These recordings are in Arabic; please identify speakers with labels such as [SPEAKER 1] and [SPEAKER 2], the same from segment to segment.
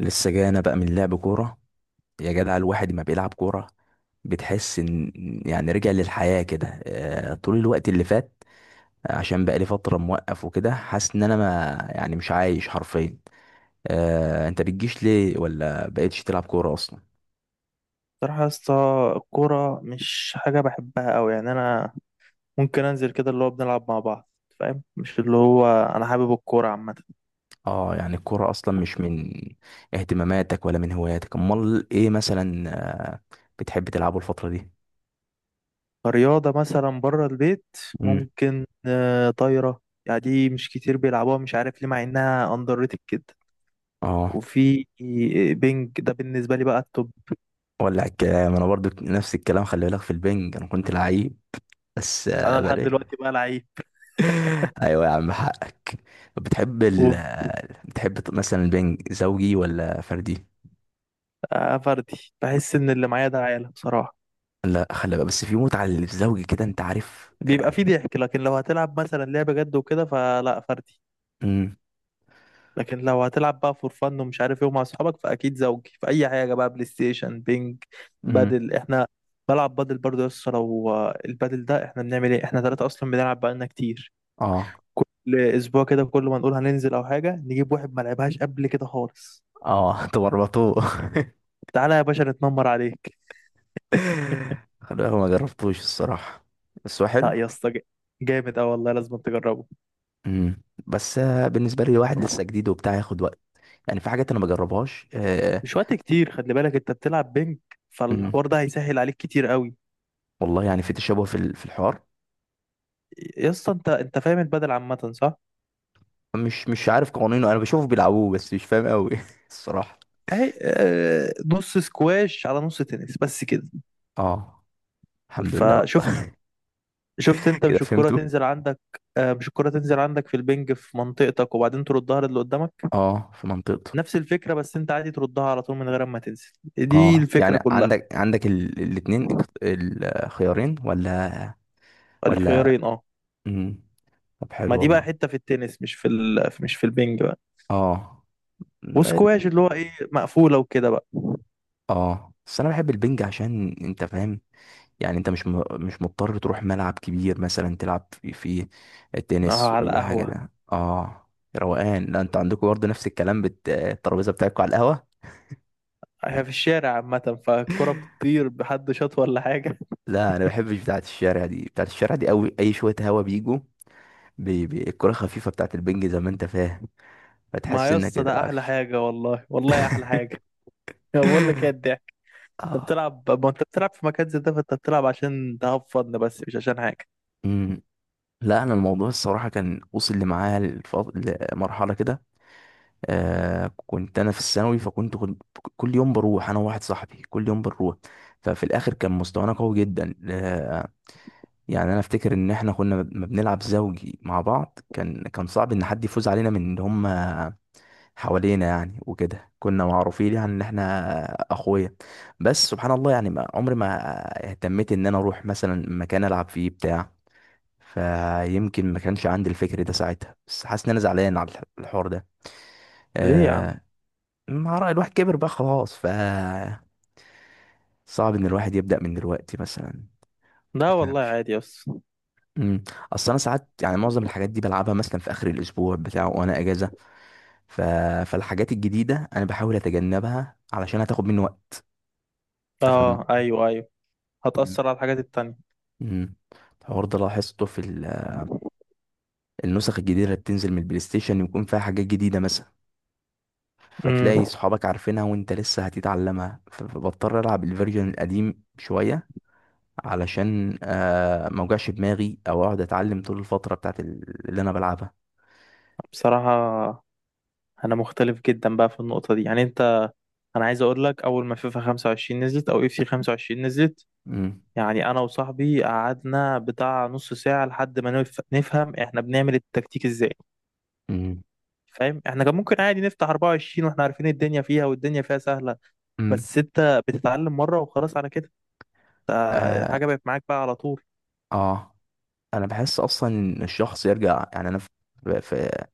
[SPEAKER 1] لسه جاي انا بقى من لعب كوره. يا جدع الواحد ما بيلعب كوره، بتحس ان رجع للحياه كده. طول الوقت اللي فات. عشان بقى لي فتره موقف وكده حاسس ان انا ما يعني مش عايش حرفيا. انت بتجيش ليه ولا بقيتش تلعب كوره اصلا؟
[SPEAKER 2] بصراحة يا اسطى، الكورة مش حاجة بحبها أوي. يعني أنا ممكن أنزل كده اللي هو بنلعب مع بعض، فاهم؟ مش اللي هو أنا حابب الكورة عامة
[SPEAKER 1] اه، يعني الكوره اصلا مش من اهتماماتك ولا من هواياتك، امال ايه مثلا؟ آه، بتحب تلعبه الفتره دي؟
[SPEAKER 2] كرياضة. مثلا بره البيت
[SPEAKER 1] امم
[SPEAKER 2] ممكن طايرة. يعني دي مش كتير بيلعبوها، مش عارف ليه، مع إنها أندر ريتد كده.
[SPEAKER 1] اه،
[SPEAKER 2] وفي بينج، ده بالنسبة لي بقى التوب.
[SPEAKER 1] ولع الكلام، انا برضو نفس الكلام، خلي بالك في البنج انا كنت لعيب بس
[SPEAKER 2] أنا
[SPEAKER 1] بقى
[SPEAKER 2] لحد
[SPEAKER 1] لي.
[SPEAKER 2] دلوقتي بقى لعيب.
[SPEAKER 1] ايوه يا عم حقك. بتحب ال
[SPEAKER 2] وفي
[SPEAKER 1] بتحب مثلا البنج زوجي ولا فردي؟
[SPEAKER 2] فردي، بحس إن اللي معايا ده عيالة بصراحة.
[SPEAKER 1] لا خلي بقى، بس في متعه للزوجي كده انت عارف
[SPEAKER 2] بيبقى فيه
[SPEAKER 1] يعني.
[SPEAKER 2] ضحك، لكن لو هتلعب مثلا لعبة جد وكده فلا، فردي.
[SPEAKER 1] امم
[SPEAKER 2] لكن لو هتلعب بقى فور فن ومش عارف ايه ومع اصحابك، فاكيد زوجي. في اي حاجه بقى، بلاي ستيشن، بينج،
[SPEAKER 1] امم
[SPEAKER 2] بادل. احنا بلعب بادل برضه يا اسطى. لو البادل ده، احنا بنعمل ايه، احنا ثلاثه اصلا بنلعب بقالنا كتير.
[SPEAKER 1] اه
[SPEAKER 2] كل اسبوع كده، كل ما نقول هننزل او حاجه، نجيب واحد ما لعبهاش قبل كده خالص.
[SPEAKER 1] اه. تورطوه.
[SPEAKER 2] تعالى يا باشا نتنمر عليك.
[SPEAKER 1] خلي بالك ما جربتوش الصراحه، بس هو
[SPEAKER 2] لا
[SPEAKER 1] حلو.
[SPEAKER 2] يا اسطى، جامد اه والله، لازم تجربه.
[SPEAKER 1] بس بالنسبه لي واحد لسه جديد وبتاع ياخد وقت، يعني في حاجات انا ما بجربهاش.
[SPEAKER 2] مش وقت كتير، خلي بالك انت بتلعب بينج،
[SPEAKER 1] امم
[SPEAKER 2] فالحوار ده هيسهل عليك كتير قوي.
[SPEAKER 1] والله يعني في تشابه في الحوار.
[SPEAKER 2] يا اسطى، انت انت فاهم البادل عامه، صح؟
[SPEAKER 1] مش عارف قوانينه، انا بشوفه بيلعبوه بس مش فاهم قوي الصراحه.
[SPEAKER 2] اهي نص سكواش على نص تنس بس كده.
[SPEAKER 1] اه، الحمد لله
[SPEAKER 2] فشفت
[SPEAKER 1] والله.
[SPEAKER 2] شفت انت؟
[SPEAKER 1] كده
[SPEAKER 2] مش الكرة
[SPEAKER 1] فهمته.
[SPEAKER 2] تنزل عندك؟ مش الكرة تنزل عندك في البنج، في منطقتك، وبعدين تردها للي قدامك.
[SPEAKER 1] اه في منطقته.
[SPEAKER 2] نفس الفكرة، بس انت عادي تردها على طول من غير ما تنزل. دي
[SPEAKER 1] اه
[SPEAKER 2] الفكرة
[SPEAKER 1] يعني
[SPEAKER 2] كلها.
[SPEAKER 1] عندك الاتنين الخيارين ولا؟ ولا.
[SPEAKER 2] الخيارين، اه.
[SPEAKER 1] مم. طب
[SPEAKER 2] ما
[SPEAKER 1] حلو
[SPEAKER 2] دي بقى
[SPEAKER 1] والله.
[SPEAKER 2] حتة في التنس، مش في البنج بقى.
[SPEAKER 1] اه،
[SPEAKER 2] وسكواش
[SPEAKER 1] البنج.
[SPEAKER 2] اللي هو ايه، مقفولة وكده بقى.
[SPEAKER 1] اه بس انا بحب البنج عشان انت فاهم، يعني انت مش مضطر تروح ملعب كبير مثلا تلعب في
[SPEAKER 2] اه،
[SPEAKER 1] التنس
[SPEAKER 2] على
[SPEAKER 1] ولا حاجه
[SPEAKER 2] القهوة.
[SPEAKER 1] ده اه. روقان، لا انت عندكم برضه نفس الكلام، الترابيزه بتاعتكم على القهوه.
[SPEAKER 2] هي في الشارع عامة، فالكرة بتطير بحد شاط ولا حاجة.
[SPEAKER 1] لا انا ما بحبش بتاعه الشارع دي، بتاعه الشارع دي قوي اي شويه هوا بيجوا، بي الكرة خفيفة بتاعت البنج زي ما انت فاهم،
[SPEAKER 2] ما
[SPEAKER 1] فتحس
[SPEAKER 2] يا
[SPEAKER 1] انك
[SPEAKER 2] اسطى
[SPEAKER 1] كده
[SPEAKER 2] ده أحلى
[SPEAKER 1] العفش.
[SPEAKER 2] حاجة، والله والله أحلى حاجة. بقول لك ايه، انت
[SPEAKER 1] اه،
[SPEAKER 2] بتلعب، ما انت بتلعب في مكان زي ده، فانت بتلعب عشان تهفضنا بس، مش عشان حاجة.
[SPEAKER 1] امم. لا انا الموضوع الصراحه كان وصل لي معايا لمرحله كده. آه كنت انا في الثانوي، فكنت كل يوم بروح انا وواحد صاحبي، كل يوم بنروح. ففي الاخر كان مستوانا قوي جدا. آه يعني انا افتكر ان احنا كنا ما بنلعب زوجي مع بعض، كان صعب ان حد يفوز علينا من ان هم حوالينا، يعني وكده كنا معروفين يعني ان احنا اخويا. بس سبحان الله يعني ما عمري ما اهتميت ان انا اروح مثلا مكان العب فيه بتاع، فيمكن ما كانش عندي الفكر ده ساعتها، بس حاسس ان انا زعلان على الحوار ده.
[SPEAKER 2] ليه يا عم؟
[SPEAKER 1] آه مع رأي الواحد كبر بقى خلاص، ف صعب ان الواحد يبدأ من دلوقتي مثلا، ما
[SPEAKER 2] لا والله
[SPEAKER 1] تفهمش.
[SPEAKER 2] عادي، بس.
[SPEAKER 1] امم. اصل انا ساعات يعني معظم الحاجات دي بلعبها مثلا في اخر الاسبوع بتاع وانا اجازة، ف... فالحاجات الجديدة انا بحاول اتجنبها علشان هتاخد مني وقت. انت فاهم
[SPEAKER 2] اه
[SPEAKER 1] النقطة دي.
[SPEAKER 2] ايوه ايوه،
[SPEAKER 1] مم.
[SPEAKER 2] هتأثر على الحاجات التانية.
[SPEAKER 1] مم. الحوار ده لاحظته النسخ الجديدة اللي بتنزل من البلاي ستيشن يكون فيها حاجات جديدة مثلا، فتلاقي
[SPEAKER 2] امم.
[SPEAKER 1] صحابك عارفينها وانت لسه هتتعلمها فبضطر العب الفيرجن القديم شوية علشان آه ما اوجعش دماغي او اقعد اتعلم طول الفترة بتاعت اللي انا بلعبها.
[SPEAKER 2] بصراحة انا مختلف جدا بقى في النقطة دي. يعني انت، انا عايز اقول لك، اول ما فيفا 25 نزلت او اف سي 25 نزلت،
[SPEAKER 1] مم.
[SPEAKER 2] يعني انا وصاحبي قعدنا بتاع نص ساعة لحد ما نفهم احنا بنعمل التكتيك ازاي.
[SPEAKER 1] مم.
[SPEAKER 2] فاهم؟ احنا كان ممكن عادي نفتح 24 واحنا عارفين الدنيا فيها والدنيا فيها سهلة.
[SPEAKER 1] مم.
[SPEAKER 2] بس انت بتتعلم مرة وخلاص على كده،
[SPEAKER 1] آه,
[SPEAKER 2] حاجة بقت معاك بقى على طول.
[SPEAKER 1] اه انا بحس اصلا ان الشخص يرجع، يعني انا في-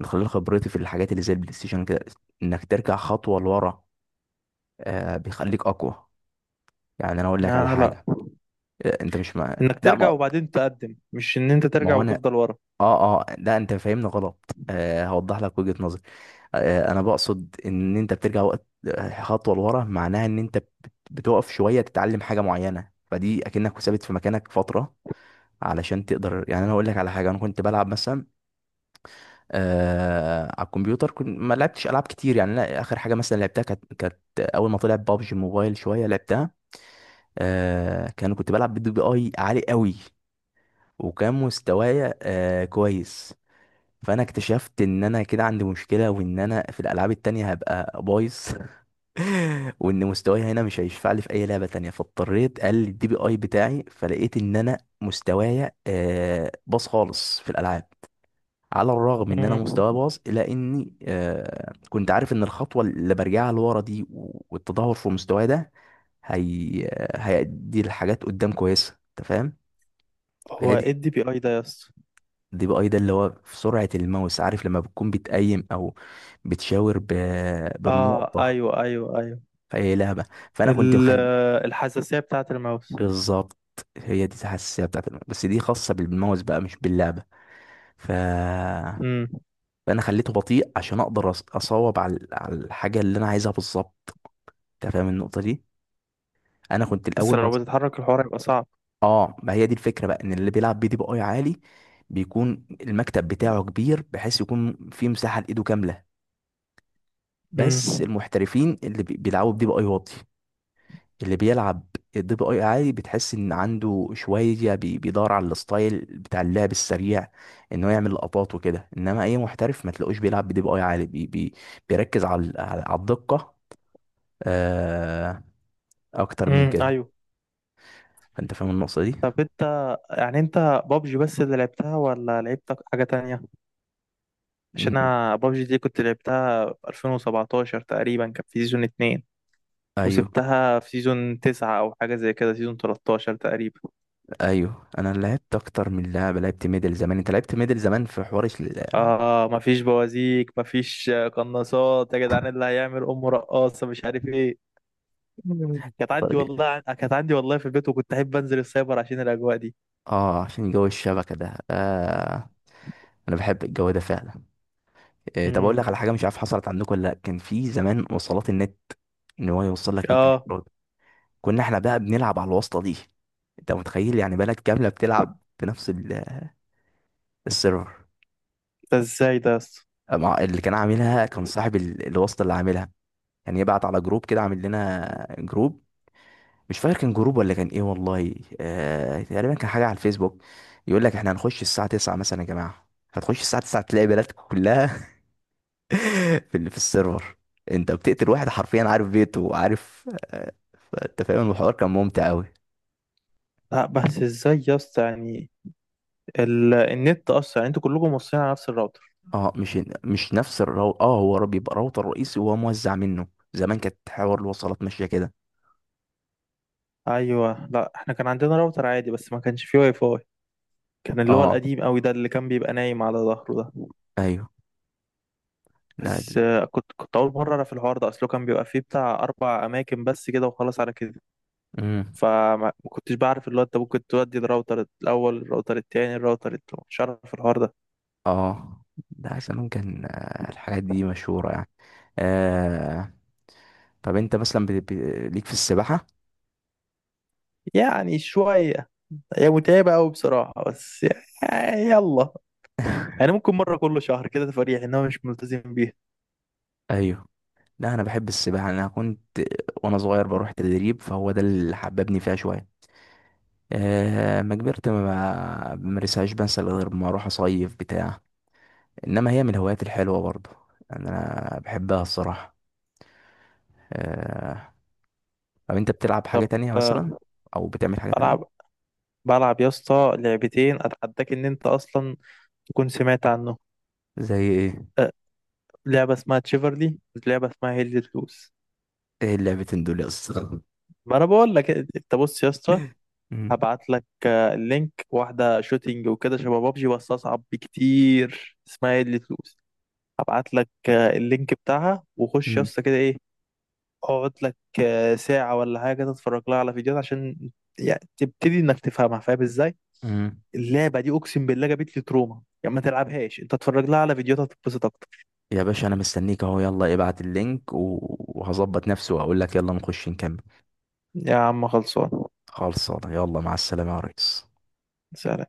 [SPEAKER 1] من خلال خبرتي في الحاجات اللي زي البلاي ستيشن كده، انك ترجع خطوة لورا آه بيخليك اقوى. يعني انا اقول لك على
[SPEAKER 2] آه لا،
[SPEAKER 1] حاجه، آه انت مش مع؟
[SPEAKER 2] انك
[SPEAKER 1] لا
[SPEAKER 2] ترجع
[SPEAKER 1] ما
[SPEAKER 2] وبعدين تقدم، مش ان انت
[SPEAKER 1] ما
[SPEAKER 2] ترجع
[SPEAKER 1] هو انا
[SPEAKER 2] وتفضل ورا.
[SPEAKER 1] اه اه، لا انت فاهمني غلط، آه هوضح لك وجهه نظري. آه انا بقصد ان انت بترجع وقت خطوه لورا، معناها ان انت بتقف شويه تتعلم حاجه معينه، فدي اكنك ثابت في مكانك فتره علشان تقدر. يعني انا اقول لك على حاجه، انا كنت بلعب مثلا آه على الكمبيوتر، كنت ما لعبتش العاب كتير يعني، لا اخر حاجه مثلا لعبتها، كانت اول ما طلع بابجي موبايل شويه لعبتها. آه كنت بلعب بي دي اي عالي قوي، وكان مستوايا آه كويس. فانا اكتشفت ان انا كده عندي مشكله، وان انا في الالعاب التانية هبقى بايظ. وان مستواي هنا مش هيشفع لي في اي لعبه تانية، فاضطريت اقلل الدي بي اي بتاعي، فلقيت ان انا مستوايا آه باظ خالص في الالعاب. على الرغم ان انا
[SPEAKER 2] مم.
[SPEAKER 1] مستواي باظ الا اني آه كنت عارف ان الخطوه اللي برجعها لورا دي والتدهور في مستواي ده، هي هيدي الحاجات قدام كويسه، انت فاهم.
[SPEAKER 2] هو
[SPEAKER 1] فهي
[SPEAKER 2] ايه
[SPEAKER 1] دي
[SPEAKER 2] الدي بي اي ده يا اسطى؟
[SPEAKER 1] دي بقى ده اللي هو في سرعه الماوس، عارف لما بتكون بتقيم او بتشاور ب...
[SPEAKER 2] اه
[SPEAKER 1] بالنقطه
[SPEAKER 2] ايوه ايوه ايوه.
[SPEAKER 1] في اي لعبه. فانا كنت
[SPEAKER 2] ال-
[SPEAKER 1] بخلي.
[SPEAKER 2] الحساسية بتاعة الماوس.
[SPEAKER 1] بالظبط، هي دي الحساسيه بتاعت الماوس، بس دي خاصه بالماوس بقى مش باللعبه. ف...
[SPEAKER 2] امم،
[SPEAKER 1] فانا خليته بطيء عشان اقدر اصوب على على الحاجه اللي انا عايزها بالظبط. انت فاهم النقطه دي؟ انا كنت
[SPEAKER 2] بس
[SPEAKER 1] الاول
[SPEAKER 2] لو بتتحرك الحوار هيبقى صعب.
[SPEAKER 1] اه، ما هي دي الفكره بقى، ان اللي بيلعب بي دي بي اي عالي بيكون المكتب بتاعه كبير بحيث يكون فيه مساحه لايده كامله. بس
[SPEAKER 2] امم.
[SPEAKER 1] المحترفين اللي بيلعبوا بدي بي اي واطي. اللي بيلعب الدي بي اي عالي بتحس ان عنده شويه بيدور على الستايل بتاع اللعب السريع، ان هو يعمل لقطات وكده، انما اي محترف ما تلاقوش بيلعب بدي بي اي عالي، بي بيركز على على الدقه آه اكتر من كده.
[SPEAKER 2] ايوه.
[SPEAKER 1] فانت فاهم النقطه دي.
[SPEAKER 2] طب انت، يعني انت، بابجي بس اللي لعبتها ولا لعبت حاجة تانية؟ عشان
[SPEAKER 1] م-
[SPEAKER 2] انا بابجي دي كنت لعبتها في 2017 تقريبا، كان في سيزون 2،
[SPEAKER 1] ايوه
[SPEAKER 2] وسبتها في سيزون تسعة أو حاجة زي كده، سيزون 13 تقريبا.
[SPEAKER 1] ايوه، انا لعبت اكتر من لعبه، لعبت ميدل زمان، انت لعبت ميدل زمان في حوار
[SPEAKER 2] آه مفيش بوازيك، مفيش قناصات، يا جدعان اللي هيعمل أمه رقاصة مش عارف إيه. كانت
[SPEAKER 1] الفترة
[SPEAKER 2] عندي
[SPEAKER 1] دي؟
[SPEAKER 2] والله، كانت عندي والله في البيت، وكنت أحب أنزل السايبر عشان الأجواء دي.
[SPEAKER 1] اه عشان جو الشبكه ده آه. انا بحب الجو ده فعلا. إيه طب اقول
[SPEAKER 2] امم.
[SPEAKER 1] لك على حاجه، مش عارف حصلت عندكم ولا لا، كان في زمان وصلات النت، ان هو يوصل لك نت
[SPEAKER 2] آه.
[SPEAKER 1] بالإيراد. كنا احنا بقى بنلعب على الواسطه دي. انت متخيل يعني بلد كامله بتلعب في نفس السيرفر.
[SPEAKER 2] ده إزاي ده يا اسطى؟
[SPEAKER 1] اللي كان عاملها كان صاحب الواسطه اللي عاملها، يعني يبعت على جروب كده، عامل لنا جروب. مش فاكر كان جروب ولا كان ايه والله، آه تقريبا كان حاجه على الفيسبوك. يقول لك احنا هنخش الساعه 9 مثلا يا جماعه. هتخش الساعه 9 تلاقي بلدك كلها في السيرفر. انت بتقتل واحد حرفيا عارف بيته وعارف فانت فاهم الحوار كان ممتع قوي.
[SPEAKER 2] لا بس إزاي يا اسطى يعني النت أصلا؟ يعني أنتوا كلكم موصلين على نفس الراوتر؟
[SPEAKER 1] اه مش نفس اه هو بيبقى راوتر رئيسي وهو موزع منه، زمان كانت حوار الوصلات ماشيه كده.
[SPEAKER 2] أيوه، لا إحنا كان عندنا راوتر عادي، بس ما كانش فيه واي فاي. كان اللي هو
[SPEAKER 1] اه
[SPEAKER 2] القديم قوي ده، اللي كان بيبقى نايم على ظهره ده.
[SPEAKER 1] ايوه، لا.
[SPEAKER 2] بس كنت اول مره اعرف الحوار ده، اصله كان بيبقى فيه بتاع اربع اماكن بس كده، وخلاص على كده.
[SPEAKER 1] امم.
[SPEAKER 2] فما ما كنتش بعرف اللي هو انت ممكن تودي الراوتر الاول، الراوتر التاني، الراوتر التالت، مش عارف الحوار ده.
[SPEAKER 1] اه. ده زمان كان الحاجات دي مشهوره يعني. آه طب انت مثلا ليك في السباحة؟
[SPEAKER 2] يعني شويه، هي متعبه قوي بصراحه، بس يعني يلا. يعني ممكن مره كل شهر كده، تفريح ان هو مش ملتزم بيها.
[SPEAKER 1] ايوه. لا انا بحب السباحة، انا كنت وانا صغير بروح تدريب فهو ده اللي حببني فيها شوية. آه ما كبرت ما بمارسهاش، بنسى غير ما اروح اصيف بتاع، انما هي من الهوايات الحلوة برضه، يعني انا بحبها الصراحة. آه طب انت بتلعب حاجة
[SPEAKER 2] طب
[SPEAKER 1] تانية مثلا،
[SPEAKER 2] آه،
[SPEAKER 1] او بتعمل حاجة
[SPEAKER 2] بلعب
[SPEAKER 1] تانية؟
[SPEAKER 2] بلعب يا اسطى لعبتين، اتحداك ان انت اصلا تكون سمعت عنه.
[SPEAKER 1] زي ايه؟
[SPEAKER 2] آه، لعبه اسمها تشيفرلي، لعبه اسمها هيل لوز.
[SPEAKER 1] ايه اللعبتين دول يا اسطى؟
[SPEAKER 2] ما انا بقول لك، انت بص يا اسطى،
[SPEAKER 1] مم.
[SPEAKER 2] هبعت لك اللينك. واحدة شوتينج وكده، شبه بابجي بس أصعب بكتير، اسمها ايه اللي تلوز. هبعت لك اللينك بتاعها، وخش يا
[SPEAKER 1] مم.
[SPEAKER 2] اسطى كده ايه، اقعد لك ساعة ولا حاجة تتفرج لها على فيديوهات عشان يعني تبتدي انك تفهمها، فاهم ازاي؟
[SPEAKER 1] مم.
[SPEAKER 2] اللعبة دي اقسم بالله جابت لي تروما، يعني ما تلعبهاش، انت اتفرج لها على فيديوهات هتتبسط اكتر.
[SPEAKER 1] يا باشا انا مستنيك اهو، يلا ابعت اللينك وهظبط نفسي واقول لك يلا نخش نكمل.
[SPEAKER 2] يا عم خلصان.
[SPEAKER 1] خلصانه، يلا مع السلامه يا ريس.
[SPEAKER 2] سلام.